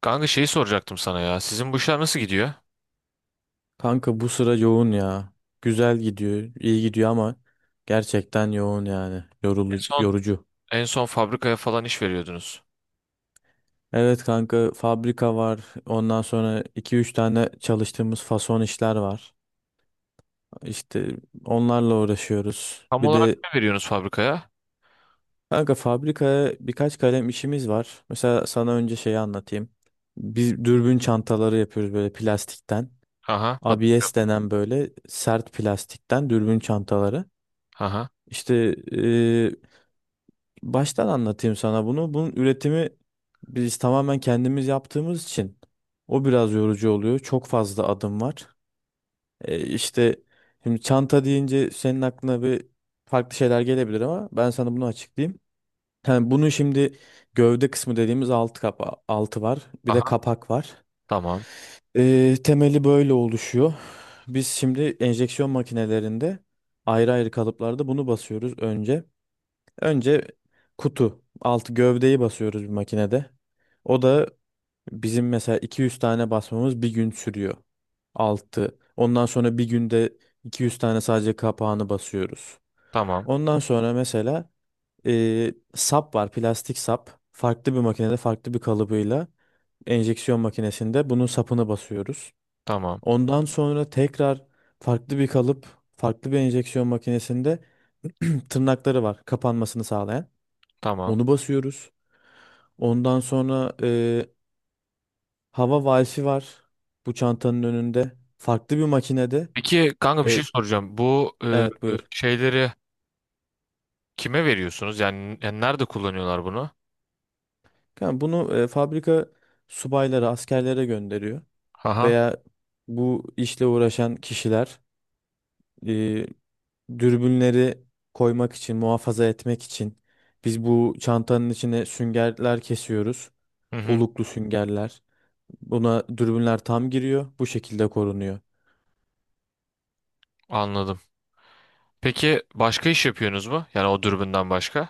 Kanka şeyi soracaktım sana ya. Sizin bu işler nasıl gidiyor? Kanka bu sıra yoğun ya. Güzel gidiyor, iyi gidiyor ama gerçekten yoğun yani. En Yorulucu, son yorucu. en son fabrikaya falan iş veriyordunuz. Evet kanka, fabrika var. Ondan sonra iki üç tane çalıştığımız fason işler var. İşte onlarla uğraşıyoruz. Tam Bir olarak de ne veriyorsunuz fabrikaya? kanka, fabrikaya birkaç kalem işimiz var. Mesela sana önce şeyi anlatayım. Biz dürbün çantaları yapıyoruz böyle plastikten. Aha, hat- ABS denen böyle sert plastikten dürbün çantaları. aha, İşte baştan anlatayım sana bunu. Bunun üretimi biz tamamen kendimiz yaptığımız için o biraz yorucu oluyor. Çok fazla adım var. İşte şimdi çanta deyince senin aklına bir farklı şeyler gelebilir ama ben sana bunu açıklayayım. Yani bunun şimdi gövde kısmı dediğimiz alt kapağı, altı var. Bir de aha. kapak var. Tamam, Temeli böyle oluşuyor. Biz şimdi enjeksiyon makinelerinde ayrı ayrı kalıplarda bunu basıyoruz önce. Önce kutu, altı gövdeyi basıyoruz bir makinede. O da bizim mesela 200 tane basmamız bir gün sürüyor. Altı. Ondan sonra bir günde 200 tane sadece kapağını basıyoruz. tamam, Ondan sonra mesela sap var, plastik sap. Farklı bir makinede, farklı bir kalıbıyla enjeksiyon makinesinde bunun sapını basıyoruz. tamam, Ondan sonra tekrar farklı bir kalıp, farklı bir enjeksiyon makinesinde tırnakları var, kapanmasını sağlayan. tamam. Onu basıyoruz. Ondan sonra hava valfi var bu çantanın önünde. Farklı bir makinede. Peki kanka bir E, şey soracağım. Bu e, e, evet buyur. şeyleri kime veriyorsunuz? Yani nerede kullanıyorlar bunu? Kanka bunu fabrika subayları, askerlere gönderiyor. Aha, Veya bu işle uğraşan kişiler e, dürbünleri koymak için, muhafaza etmek için biz bu çantanın içine süngerler kesiyoruz. hı hı, Oluklu süngerler. Buna dürbünler tam giriyor. Bu şekilde korunuyor. anladım. Peki başka iş yapıyorsunuz mu? Yani o dürbünden başka?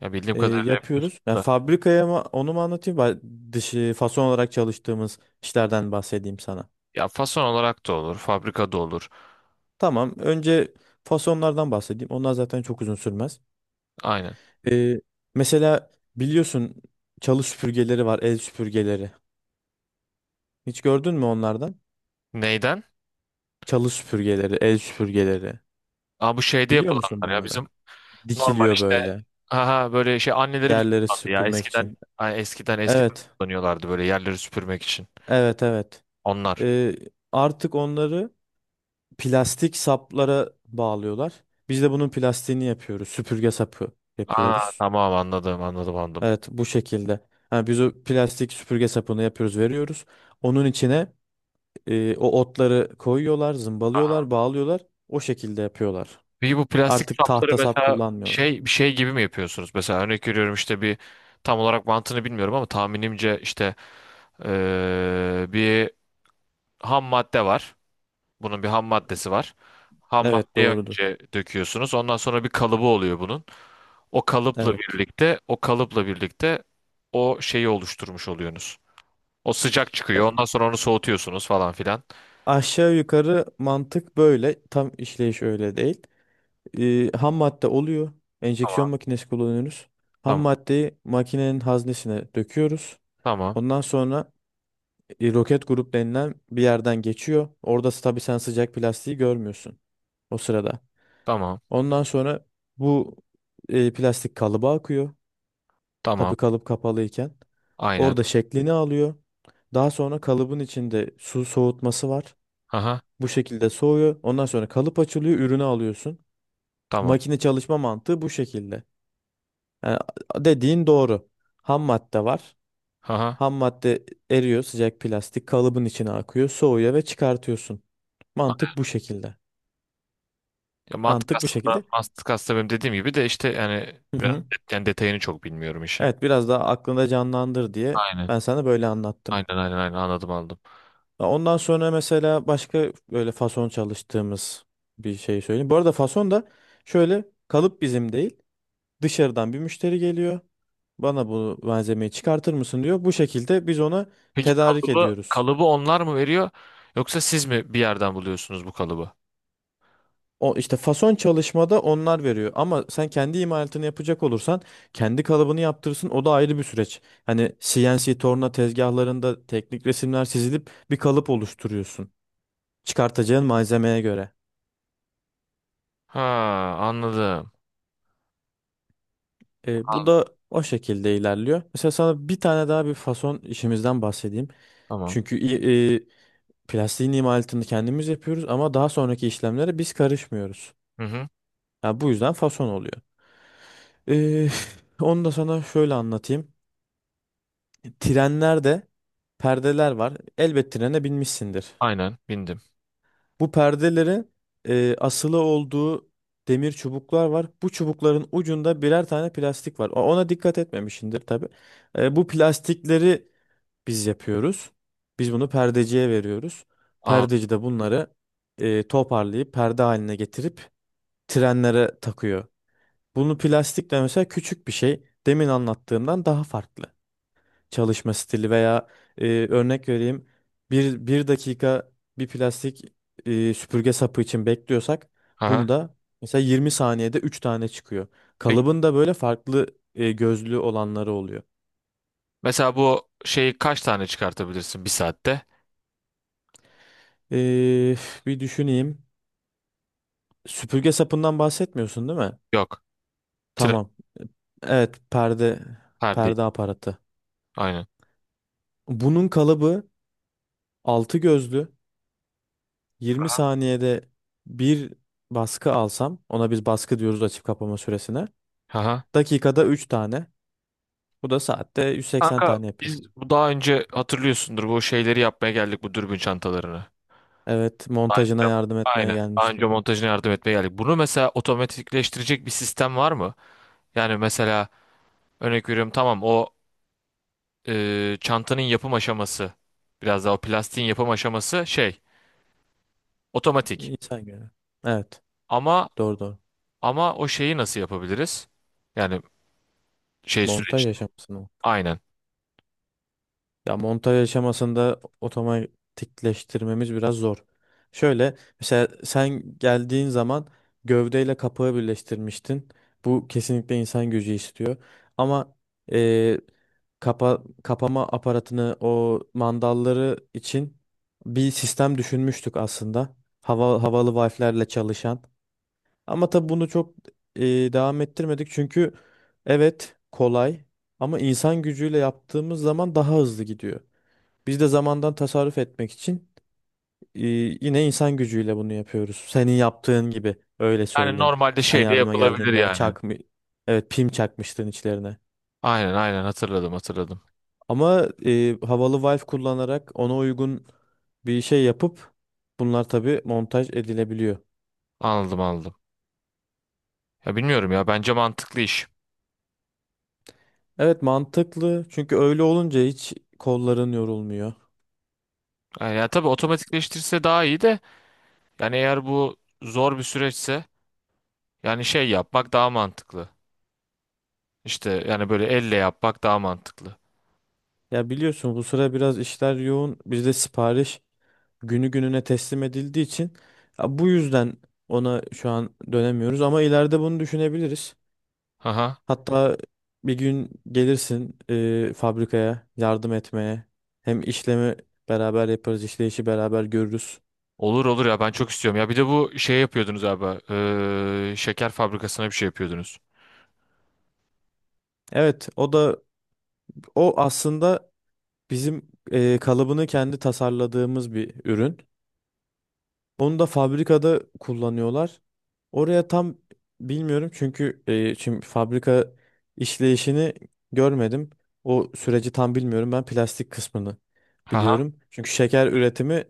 Ya bildiğim kadarıyla yapıyorsunuz Yapıyoruz. Yani da. fabrikaya mı, onu mu anlatayım? Ben dışı fason olarak çalıştığımız işlerden bahsedeyim sana. Ya fason olarak da olur, fabrikada olur. Tamam. Önce fasonlardan bahsedeyim. Onlar zaten çok uzun sürmez. Aynen. E, Mesela biliyorsun çalı süpürgeleri var, el süpürgeleri. Hiç gördün mü onlardan? Neyden? Çalı süpürgeleri, el süpürgeleri. Aa, bu şeyde Biliyor musun yapılanlar ya bunları? bizim normal Dikiliyor işte böyle aha, böyle şey anneleri biz yerleri kullandı ya süpürmek eskiden için. ha, eskiden eskiden Evet, kullanıyorlardı böyle yerleri süpürmek için evet, evet. onlar. E, Artık onları plastik saplara bağlıyorlar. Biz de bunun plastiğini yapıyoruz. Süpürge sapı Aa, yapıyoruz. tamam, anladım, anladım, anladım. Evet, bu şekilde. Ha, biz o plastik süpürge sapını yapıyoruz, veriyoruz. Onun içine o otları koyuyorlar, Aha. zımbalıyorlar, bağlıyorlar. O şekilde yapıyorlar. Peki bu plastik Artık kapları tahta sap mesela kullanmıyorlar. şey bir şey gibi mi yapıyorsunuz? Mesela örnek veriyorum işte bir tam olarak mantığını bilmiyorum ama tahminimce işte bir ham madde var. Bunun bir ham maddesi var. Ham Evet maddeyi doğrudur. önce döküyorsunuz. Ondan sonra bir kalıbı oluyor bunun. O kalıpla Evet. birlikte, o kalıpla birlikte o şeyi oluşturmuş oluyorsunuz. O sıcak Ya, çıkıyor. Ondan sonra onu soğutuyorsunuz falan filan. aşağı yukarı mantık böyle. Tam işleyiş öyle değil. Ham madde oluyor. Enjeksiyon Tamam. makinesi kullanıyoruz. Ham Tamam. maddeyi makinenin haznesine döküyoruz. Tamam. Ondan sonra roket grup denilen bir yerden geçiyor. Orada tabii sen sıcak plastiği görmüyorsun o sırada. Tamam. Ondan sonra bu plastik kalıba akıyor. Tamam. Tabii kalıp kapalıyken. Aynen. Orada şeklini alıyor. Daha sonra kalıbın içinde su soğutması var. Aha. Bu şekilde soğuyor. Ondan sonra kalıp açılıyor, ürünü alıyorsun. Tamam. Makine çalışma mantığı bu şekilde. Yani dediğin doğru. Ham madde var. Aha. Ham madde eriyor, sıcak plastik kalıbın içine akıyor, soğuyor ve çıkartıyorsun. Mantık bu şekilde. Ya mantık Mantık bu aslında şekilde. mantık aslında benim dediğim gibi de işte yani Hı biraz hı. yani detayını çok bilmiyorum işin. Evet, biraz daha aklında canlandır diye Aynen. ben sana böyle anlattım. Aynen, aynen, aynen, anladım, anladım. Ya, ondan sonra mesela başka böyle fason çalıştığımız bir şey söyleyeyim. Bu arada fason da şöyle, kalıp bizim değil, dışarıdan bir müşteri geliyor. Bana bu malzemeyi çıkartır mısın diyor. Bu şekilde biz ona Peki tedarik kalıbı ediyoruz. kalıbı onlar mı veriyor yoksa siz mi bir yerden buluyorsunuz bu kalıbı? O işte fason çalışmada onlar veriyor ama sen kendi imalatını yapacak olursan kendi kalıbını yaptırırsın, o da ayrı bir süreç. Hani CNC torna tezgahlarında teknik resimler çizilip bir kalıp oluşturuyorsun çıkartacağın malzemeye göre. Ha, anladım. Bu Anladım. da o şekilde ilerliyor. Mesela sana bir tane daha bir fason işimizden bahsedeyim. Tamam. Çünkü plastiğin imalatını kendimiz yapıyoruz ama daha sonraki işlemlere biz karışmıyoruz. Hı hı. Ya bu yüzden fason oluyor. E, Onu da sana şöyle anlatayım. Trenlerde perdeler var. Elbet trene binmişsindir. Aynen bindim. Bu perdelerin asılı olduğu demir çubuklar var. Bu çubukların ucunda birer tane plastik var. Ona dikkat etmemişsindir tabii. Bu plastikleri biz yapıyoruz. Biz bunu perdeciye veriyoruz. Perdeci de bunları toparlayıp perde haline getirip trenlere takıyor. Bunu plastik de mesela küçük bir şey. Demin anlattığımdan daha farklı çalışma stili veya örnek vereyim, bir dakika, bir plastik süpürge sapı için bekliyorsak Aha. bunda mesela 20 saniyede 3 tane çıkıyor. Peki Kalıbın da böyle farklı gözlü olanları oluyor. mesela bu şeyi kaç tane çıkartabilirsin bir saatte? E, Bir düşüneyim. Süpürge sapından bahsetmiyorsun değil mi? Yok. Tren Tamam. Evet, perde her değil. perde aparatı. Aynen. Bunun kalıbı 6 gözlü, 20 saniyede bir baskı alsam, ona biz baskı diyoruz, açıp kapama süresine. Aha. Dakikada 3 tane. Bu da saatte 180 Kanka tane biz yapıyorsun. bu daha önce hatırlıyorsundur bu şeyleri yapmaya geldik, bu dürbün çantalarını. Evet, Daha önce montajına yap- yardım etmeye aynen. Daha önce gelmişti. montajına yardım etmeye geldik. Bunu mesela otomatikleştirecek bir sistem var mı? Yani mesela örnek veriyorum tamam o çantanın yapım aşaması, biraz daha o plastiğin yapım aşaması şey otomatik. İnsan göre. Evet, Ama doğru doğru. ama o şeyi nasıl yapabiliriz? Yani şey Montaj süreci. yaşamışsın o. Aynen. Ya montaj aşamasında otomatikleştirmemiz biraz zor. Şöyle, mesela sen geldiğin zaman gövdeyle kapağı birleştirmiştin. Bu kesinlikle insan gücü istiyor. Ama eee, kapama aparatını o mandalları için bir sistem düşünmüştük aslında. Havalı valflerle çalışan. Ama tabii bunu çok devam ettirmedik çünkü evet kolay ama insan gücüyle yaptığımız zaman daha hızlı gidiyor. Biz de zamandan tasarruf etmek için e, yine insan gücüyle bunu yapıyoruz. Senin yaptığın gibi öyle Yani söyleyeyim. normalde Sen şey de yardıma yapılabilir geldiğinde yani. çakmı evet pim çakmıştın içlerine. Aynen, aynen, hatırladım, hatırladım. Ama havalı valve kullanarak ona uygun bir şey yapıp bunlar tabii montaj edilebiliyor. Anladım, anladım. Ya bilmiyorum, ya bence mantıklı iş. Evet, mantıklı çünkü öyle olunca hiç kolların yorulmuyor. Yani ya tabii otomatikleştirse daha iyi de, yani eğer bu zor bir süreçse yani şey yapmak daha mantıklı. İşte yani böyle elle yapmak daha mantıklı. Ya biliyorsun bu sıra biraz işler yoğun. Biz de sipariş günü gününe teslim edildiği için ya bu yüzden ona şu an dönemiyoruz ama ileride bunu düşünebiliriz. Aha. Hatta bir gün gelirsin fabrikaya yardım etmeye. Hem işlemi beraber yaparız, işleyişi beraber görürüz. Olur, olur ya, ben çok istiyorum. Ya bir de bu şey yapıyordunuz abi. Şeker fabrikasına bir şey yapıyordunuz. Evet, o da o aslında bizim kalıbını kendi tasarladığımız bir ürün. Onu da fabrikada kullanıyorlar. Oraya tam bilmiyorum çünkü şimdi fabrika işleyişini görmedim. O süreci tam bilmiyorum. Ben plastik kısmını Aha. biliyorum. Çünkü şeker üretimi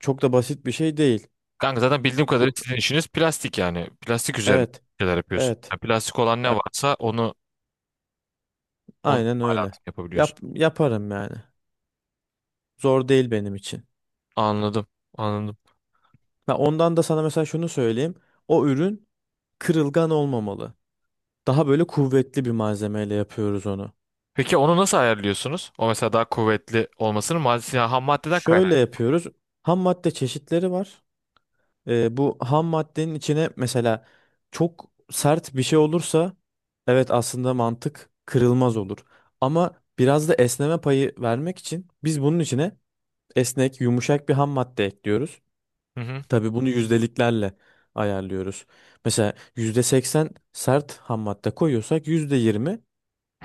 çok da basit bir şey değil. Kanka zaten bildiğim kadarıyla Ku- sizin işiniz plastik yani. Plastik üzerine evet, şeyler yapıyorsun. evet. Ya plastik olan ne Ya- varsa onu, onu Aynen öyle. imalat yapabiliyorsun. Yaparım yani. Zor değil benim için. Anladım. Anladım. Ya, ondan da sana mesela şunu söyleyeyim. O ürün kırılgan olmamalı. Daha böyle kuvvetli bir malzemeyle yapıyoruz onu. Peki onu nasıl ayarlıyorsunuz? O mesela daha kuvvetli olmasının maddesi, yani ham maddeden Şöyle kaynak. yapıyoruz. Ham madde çeşitleri var. Bu ham maddenin içine mesela çok sert bir şey olursa evet aslında mantık kırılmaz olur. Ama biraz da esneme payı vermek için biz bunun içine esnek, yumuşak bir ham madde ekliyoruz. Hı hı. Tabii bunu yüzdeliklerle ayarlıyoruz. Mesela %80 sert ham madde koyuyorsak %20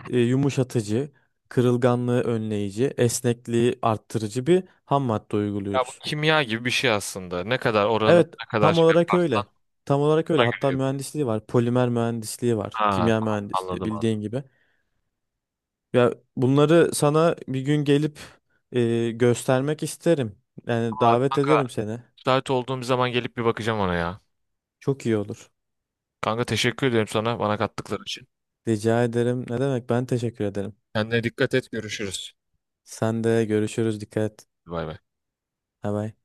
yumuşatıcı, kırılganlığı önleyici, esnekliği arttırıcı bir ham madde Ya bu uyguluyoruz. kimya gibi bir şey aslında. Ne kadar oranın Evet, ne kadar tam şey olarak yaparsan öyle. Tam olarak öyle. ona Hatta göre yapıyor. mühendisliği var. Polimer mühendisliği var. Ha Kimya tamam, mühendisliği anladım, anladım. bildiğin gibi. Ya bunları sana bir gün gelip göstermek isterim. Yani Aa, davet kanka ederim seni. müsait olduğum bir zaman gelip bir bakacağım ona ya. Çok iyi olur. Kanka teşekkür ederim sana, bana kattıkları için. Rica ederim. Ne demek? Ben teşekkür ederim. Kendine dikkat et, görüşürüz. Sen de görüşürüz. Dikkat et. Bay bay. Bye bye.